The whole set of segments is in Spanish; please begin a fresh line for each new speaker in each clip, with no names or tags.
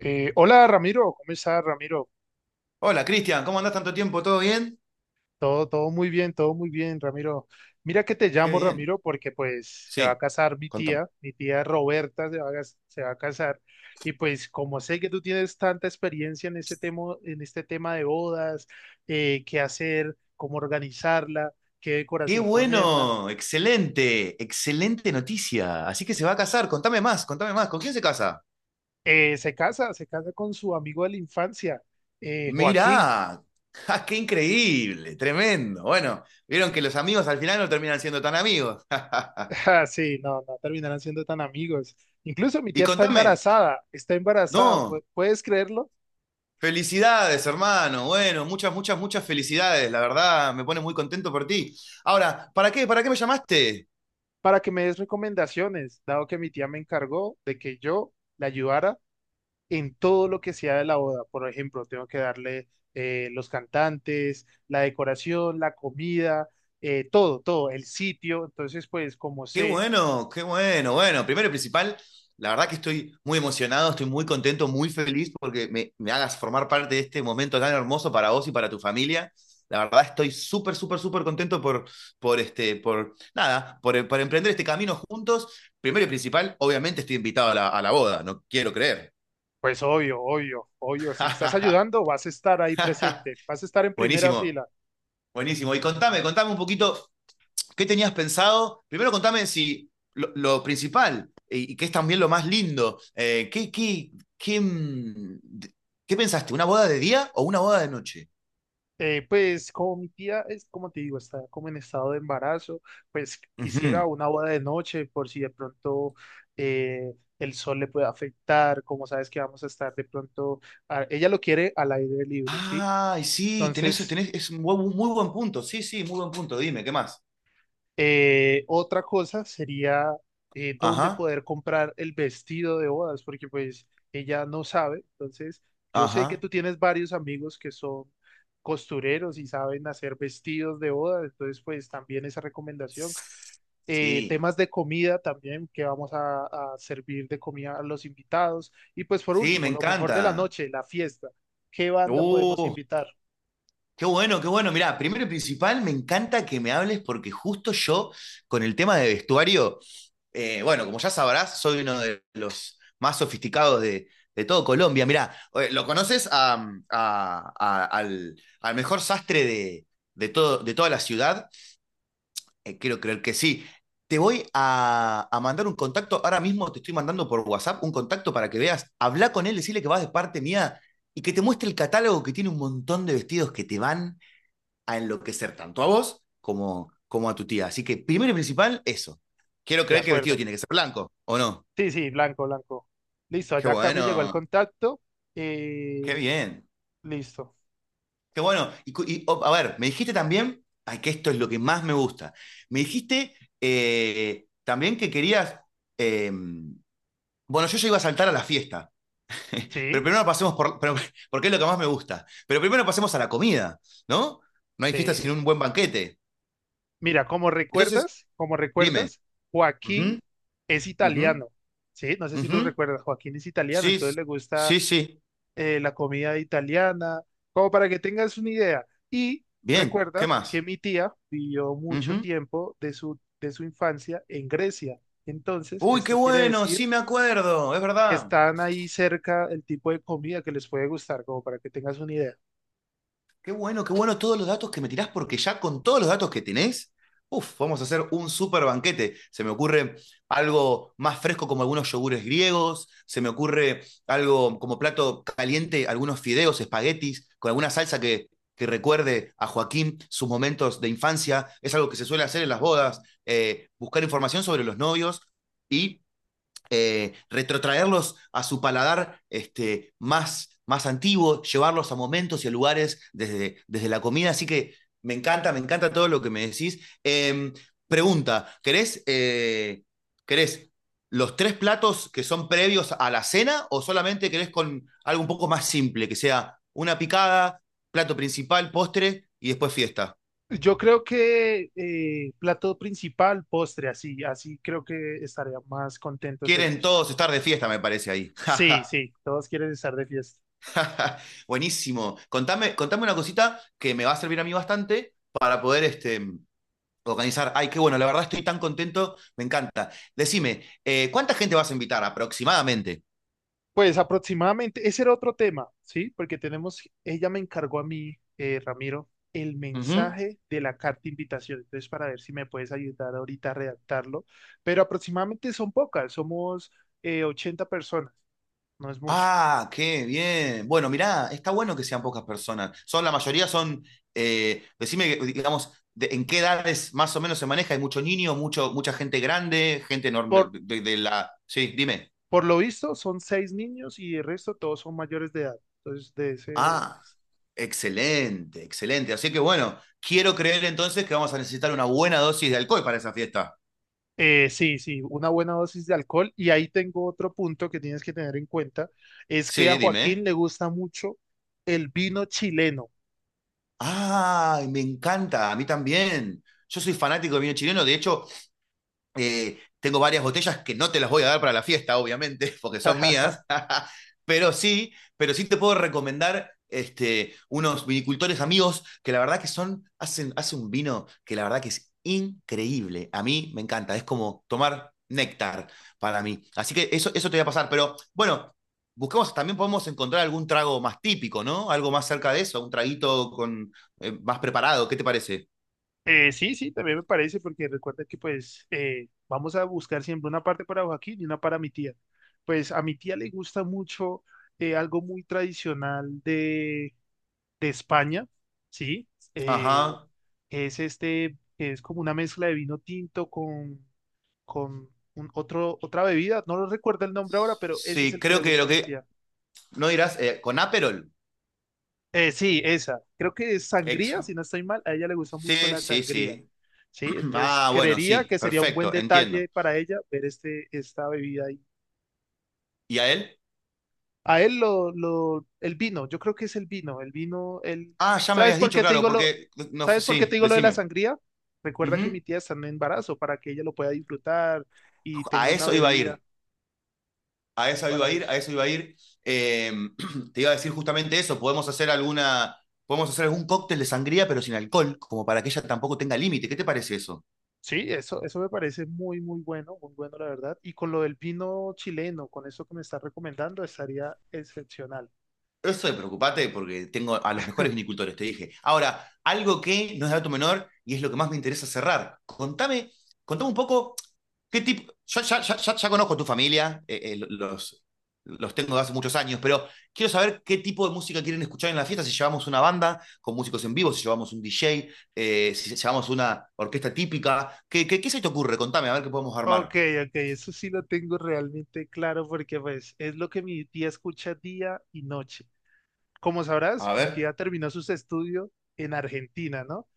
Hola Ramiro, ¿cómo estás Ramiro?
Hola, Cristian, ¿cómo andás tanto tiempo? ¿Todo bien?
Todo muy bien, todo muy bien Ramiro. Mira que te
Qué
llamo
bien.
Ramiro porque pues se va a
Sí.
casar
Contame.
mi tía Roberta se va a, se va a casar, y pues como sé que tú tienes tanta experiencia en este tema de bodas, qué hacer, cómo organizarla, qué
Qué
decoración ponerla.
bueno, excelente, excelente noticia. Así que se va a casar, contame más, contame más. ¿Con quién se casa?
Se casa con su amigo de la infancia, Joaquín.
Mirá. ¡Ja, qué increíble, tremendo! Bueno, vieron que los amigos al final no terminan siendo tan amigos.
Ah, sí, no, no terminarán siendo tan amigos. Incluso mi
Y
tía
contame,
está embarazada,
no,
¿puedes creerlo?
felicidades, hermano. Bueno, muchas, muchas, muchas felicidades. La verdad, me pone muy contento por ti. Ahora, ¿para qué? ¿Para qué me llamaste?
Para que me des recomendaciones, dado que mi tía me encargó de que yo la ayudara en todo lo que sea de la boda. Por ejemplo, tengo que darle los cantantes, la decoración, la comida, todo, el sitio. Entonces, pues, como
Qué
sé,
bueno, qué bueno. Bueno, primero y principal, la verdad que estoy muy emocionado, estoy muy contento, muy feliz porque me hagas formar parte de este momento tan hermoso para vos y para tu familia. La verdad estoy súper, súper, súper contento por, este, por, nada, por emprender este camino juntos. Primero y principal, obviamente estoy invitado a la boda, no quiero creer.
pues obvio, obvio, obvio, si me estás ayudando, vas a estar ahí presente, vas a estar en primera
Buenísimo,
fila.
buenísimo. Y contame, contame un poquito. ¿Qué tenías pensado? Primero contame si lo principal, y que es también lo más lindo, ¿qué, qué, qué, qué pensaste? ¿Una boda de día o una boda de noche?
Pues como mi tía es, como te digo, está como en estado de embarazo, pues
Ujú.
quisiera una boda de noche por si de pronto eh, el sol le puede afectar, como sabes que vamos a estar de pronto, ella lo quiere al aire libre, ¿sí?
Ay, sí, tenés,
Entonces
tenés, es un muy buen punto. Sí, sí, muy buen punto. Dime, ¿qué más?
Otra cosa sería dónde
Ajá,
poder comprar el vestido de bodas, porque pues ella no sabe. Entonces, yo sé que
ajá.
tú tienes varios amigos que son costureros y saben hacer vestidos de bodas, entonces pues también esa recomendación.
Sí,
Temas de comida también, que vamos a servir de comida a los invitados. Y pues por
sí, me
último, lo mejor de la
encanta.
noche, la fiesta. ¿Qué banda podemos
Uh,
invitar?
qué bueno, qué bueno. Mirá, primero y principal, me encanta que me hables porque justo yo, con el tema de vestuario, bueno, como ya sabrás, soy uno de los más sofisticados de todo Colombia. Mirá, lo conoces a, al mejor sastre de, todo, de toda la ciudad. Quiero creer que sí. Te voy a mandar un contacto. Ahora mismo te estoy mandando por WhatsApp un contacto para que veas. Habla con él, decirle que vas de parte mía y que te muestre el catálogo que tiene un montón de vestidos que te van a enloquecer tanto a vos como, como a tu tía. Así que, primero y principal, eso. Quiero
De
creer que el vestido
acuerdo.
tiene que ser blanco, ¿o no?
Sí, sí, blanco, blanco. Listo,
Qué
allá acá me llegó el
bueno,
contacto. eh,
qué bien,
Listo.
qué bueno. Y, oh, a ver, me dijiste también, ay, que esto es lo que más me gusta. Me dijiste también que querías, eh, bueno, yo ya iba a saltar a la fiesta, pero
Sí,
primero pasemos porque es lo que más me gusta, pero primero pasemos a la comida, ¿no? No hay fiesta sin
sí.
un buen banquete.
Mira, como
Entonces,
recuerdas, como
dime.
recuerdas,
Ujú,
Joaquín es
ujú,
italiano. Sí, no sé si
ujú.
lo recuerdas. Joaquín es italiano,
Sí,
entonces le gusta
sí, sí.
la comida italiana, como para que tengas una idea. Y
Bien, ¿qué
recuerda que
más?
mi tía vivió mucho
Ujú.
tiempo de su infancia en Grecia. Entonces,
Uy, qué
esto quiere
bueno, sí
decir
me acuerdo, es
que
verdad.
están ahí cerca, el tipo de comida que les puede gustar, como para que tengas una idea.
Qué bueno todos los datos que me tirás, porque ya con todos los datos que tenés, uf, vamos a hacer un super banquete. Se me ocurre algo más fresco como algunos yogures griegos, se me ocurre algo como plato caliente, algunos fideos, espaguetis, con alguna salsa que recuerde a Joaquín sus momentos de infancia. Es algo que se suele hacer en las bodas, buscar información sobre los novios y retrotraerlos a su paladar este, más, más antiguo, llevarlos a momentos y a lugares desde, desde la comida. Así que me encanta todo lo que me decís. Pregunta, ¿querés los tres platos que son previos a la cena o solamente querés con algo un poco más simple, que sea una picada, plato principal, postre y después fiesta?
Yo creo que plato principal, postre, así, así creo que estarían más contentos
Quieren
ellos.
todos estar de fiesta, me parece ahí.
Sí, sí, todos quieren estar de fiesta.
Buenísimo. Contame, contame una cosita que me va a servir a mí bastante para poder este, organizar. Ay, qué bueno, la verdad estoy tan contento, me encanta. Decime, ¿cuánta gente vas a invitar aproximadamente?
Pues aproximadamente, ese era otro tema, ¿sí? Porque tenemos, ella me encargó a mí, Ramiro, el
Ujú.
mensaje de la carta de invitación. Entonces, para ver si me puedes ayudar ahorita a redactarlo. Pero aproximadamente son pocas, somos 80 personas, no es mucho.
Ah, qué bien. Bueno, mirá, está bueno que sean pocas personas. Son, la mayoría son, decime, digamos, en qué edades más o menos se maneja. Hay mucho niño, mucho, mucha gente grande, gente
Por,
enorme de la... Sí, dime.
Por lo visto, son 6 niños y el resto todos son mayores de edad. Entonces, de ese...
Ah. Excelente, excelente. Así que bueno, quiero creer entonces que vamos a necesitar una buena dosis de alcohol para esa fiesta.
sí, sí, una buena dosis de alcohol. Y ahí tengo otro punto que tienes que tener en cuenta, es que a
Sí,
Joaquín
dime.
le gusta mucho el vino chileno.
Ay, me encanta, a mí también. Yo soy fanático del vino chileno, de hecho. Tengo varias botellas que no te las voy a dar para la fiesta, obviamente, porque son mías, pero sí te puedo recomendar este, unos vinicultores amigos que la verdad que son, hacen, hacen un vino que la verdad que es increíble. A mí me encanta, es como tomar néctar para mí. Así que eso te voy a pasar, pero bueno, busquemos, también podemos encontrar algún trago más típico, ¿no? Algo más cerca de eso, un traguito con, más preparado, ¿qué te parece?
Sí, sí, también me parece, porque recuerda que pues vamos a buscar siempre una parte para Joaquín y una para mi tía. Pues a mi tía le gusta mucho algo muy tradicional de España, ¿sí? Eh,
Ajá.
es este, que es como una mezcla de vino tinto con un otro, otra bebida, no lo recuerdo el nombre ahora, pero ese es
Sí,
el que
creo
le
que lo
gusta a mi
que...
tía.
No dirás, con Aperol.
Sí, esa, creo que es sangría, si
Exo.
no estoy mal, a ella le gusta mucho
Sí,
la
sí,
sangría,
sí.
¿sí? Entonces,
Ah, bueno,
creería
sí,
que sería un buen
perfecto,
detalle
entiendo.
para ella ver este, esta bebida ahí.
¿Y a él?
A él, el vino, yo creo que es el vino, el...
Ah, ya me
¿Sabes
habías
por
dicho,
qué te
claro,
digo lo,
porque no,
¿sabes por qué te
sí,
digo lo de la
decime.
sangría? Recuerda que
Ujú.
mi tía está en embarazo para que ella lo pueda disfrutar y tenga
A
una
eso iba a
bebida,
ir, a
es
eso iba a
para
ir, a
eso.
eso iba a ir. Eh, te iba a decir justamente eso, podemos hacer alguna, podemos hacer algún cóctel de sangría, pero sin alcohol, como para que ella tampoco tenga límite. ¿Qué te parece eso?
Sí, eso me parece muy, muy bueno, muy bueno, la verdad. Y con lo del vino chileno, con eso que me estás recomendando, estaría excepcional.
Eso de preocupate porque tengo a los mejores vinicultores, te dije. Ahora, algo que no es dato menor y es lo que más me interesa cerrar. Contame, contame un poco qué tipo. Yo ya, ya, ya, ya conozco a tu familia, los tengo de hace muchos años, pero quiero saber qué tipo de música quieren escuchar en la fiesta, si llevamos una banda con músicos en vivo, si llevamos un DJ, si llevamos una orquesta típica. ¿Qué, qué, qué se te ocurre? Contame, a ver qué podemos armar.
Ok, ok, eso sí lo tengo realmente claro porque pues es lo que mi tía escucha día y noche. Como sabrás,
A
mi tía
ver.
terminó sus estudios en Argentina, ¿no?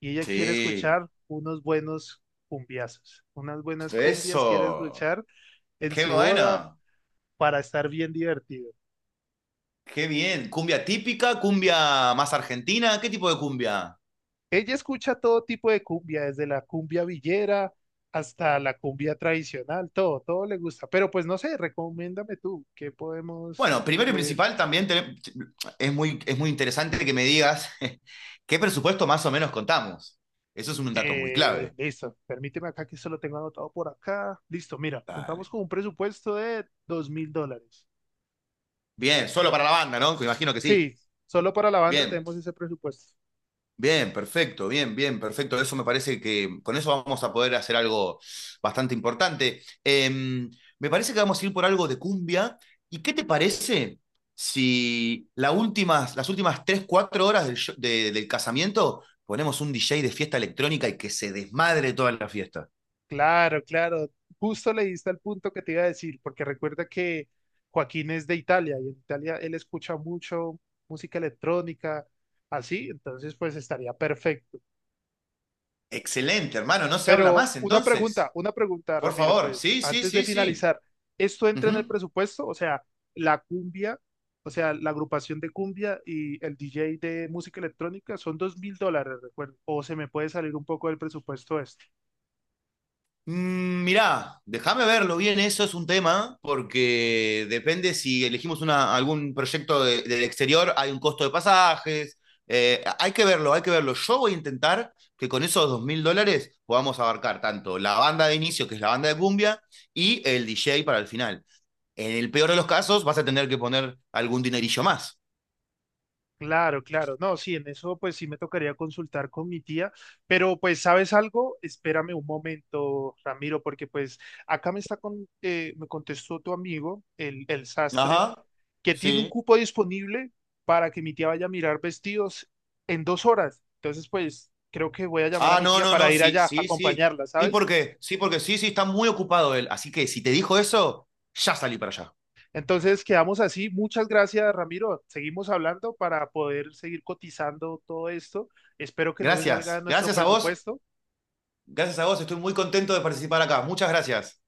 Y ella quiere
Sí.
escuchar unos buenos cumbiazos, unas buenas cumbias quiere
Eso.
escuchar en
Qué
su boda
bueno.
para estar bien divertido.
Qué bien. ¿Cumbia típica? ¿Cumbia más argentina? ¿Qué tipo de cumbia?
Ella escucha todo tipo de cumbia, desde la cumbia villera hasta la cumbia tradicional, todo, todo le gusta. Pero pues no sé, recomiéndame tú, ¿qué podemos
Bueno, primero y
incluir?
principal también es muy interesante que me digas qué presupuesto más o menos contamos. Eso es un dato muy clave.
Listo, permíteme acá que solo tengo anotado por acá. Listo, mira, contamos
Dale.
con un presupuesto de 2000 dólares.
Bien, solo para la banda, ¿no? Me imagino que sí.
Sí, solo para la banda
Bien.
tenemos ese presupuesto.
Bien, perfecto, bien, bien, perfecto. Eso me parece que con eso vamos a poder hacer algo bastante importante. Me parece que vamos a ir por algo de cumbia. ¿Y qué te parece si la últimas, las últimas 3 4 horas del, del casamiento ponemos un DJ de fiesta electrónica y que se desmadre toda la fiesta?
Claro, claro. Justo le diste al punto que te iba a decir, porque recuerda que Joaquín es de Italia y en Italia él escucha mucho música electrónica, así, entonces pues estaría perfecto.
Excelente, hermano, no se habla
Pero
más
una pregunta,
entonces.
una pregunta,
Por
Ramiro,
favor,
pues
sí, sí,
antes de
sí, sí.
finalizar, ¿esto entra en el
Ujú.
presupuesto? O sea, la cumbia, o sea, la agrupación de cumbia y el DJ de música electrónica son 2000 dólares, recuerdo. ¿O se me puede salir un poco del presupuesto esto?
Mirá, déjame verlo bien, eso es un tema, porque depende si elegimos una, algún proyecto del exterior, hay un costo de pasajes, hay que verlo, hay que verlo. Yo voy a intentar que con esos $2000 podamos abarcar tanto la banda de inicio, que es la banda de cumbia, y el DJ para el final. En el peor de los casos, vas a tener que poner algún dinerillo más.
Claro, claro. No, sí, en eso pues sí me tocaría consultar con mi tía, pero pues ¿sabes algo? Espérame un momento, Ramiro, porque pues acá me está con, me contestó tu amigo, el sastre,
Ajá,
que tiene un
sí.
cupo disponible para que mi tía vaya a mirar vestidos en 2 horas. Entonces pues creo que voy a llamar a
Ah,
mi
no,
tía
no,
para
no,
ir
sí,
allá a
sí, sí.
acompañarla,
Sí,
¿sabes?
porque, sí, porque sí, sí, está muy ocupado él. Así que si te dijo eso, ya salí para allá.
Entonces quedamos así. Muchas gracias, Ramiro. Seguimos hablando para poder seguir cotizando todo esto. Espero que no se salga de
Gracias.
nuestro
Gracias a vos.
presupuesto.
Gracias a vos. Estoy muy contento de participar acá. Muchas gracias.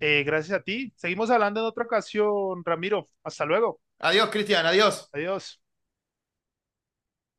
Gracias a ti. Seguimos hablando en otra ocasión, Ramiro. Hasta luego.
Adiós, Cristian. Adiós.
Adiós.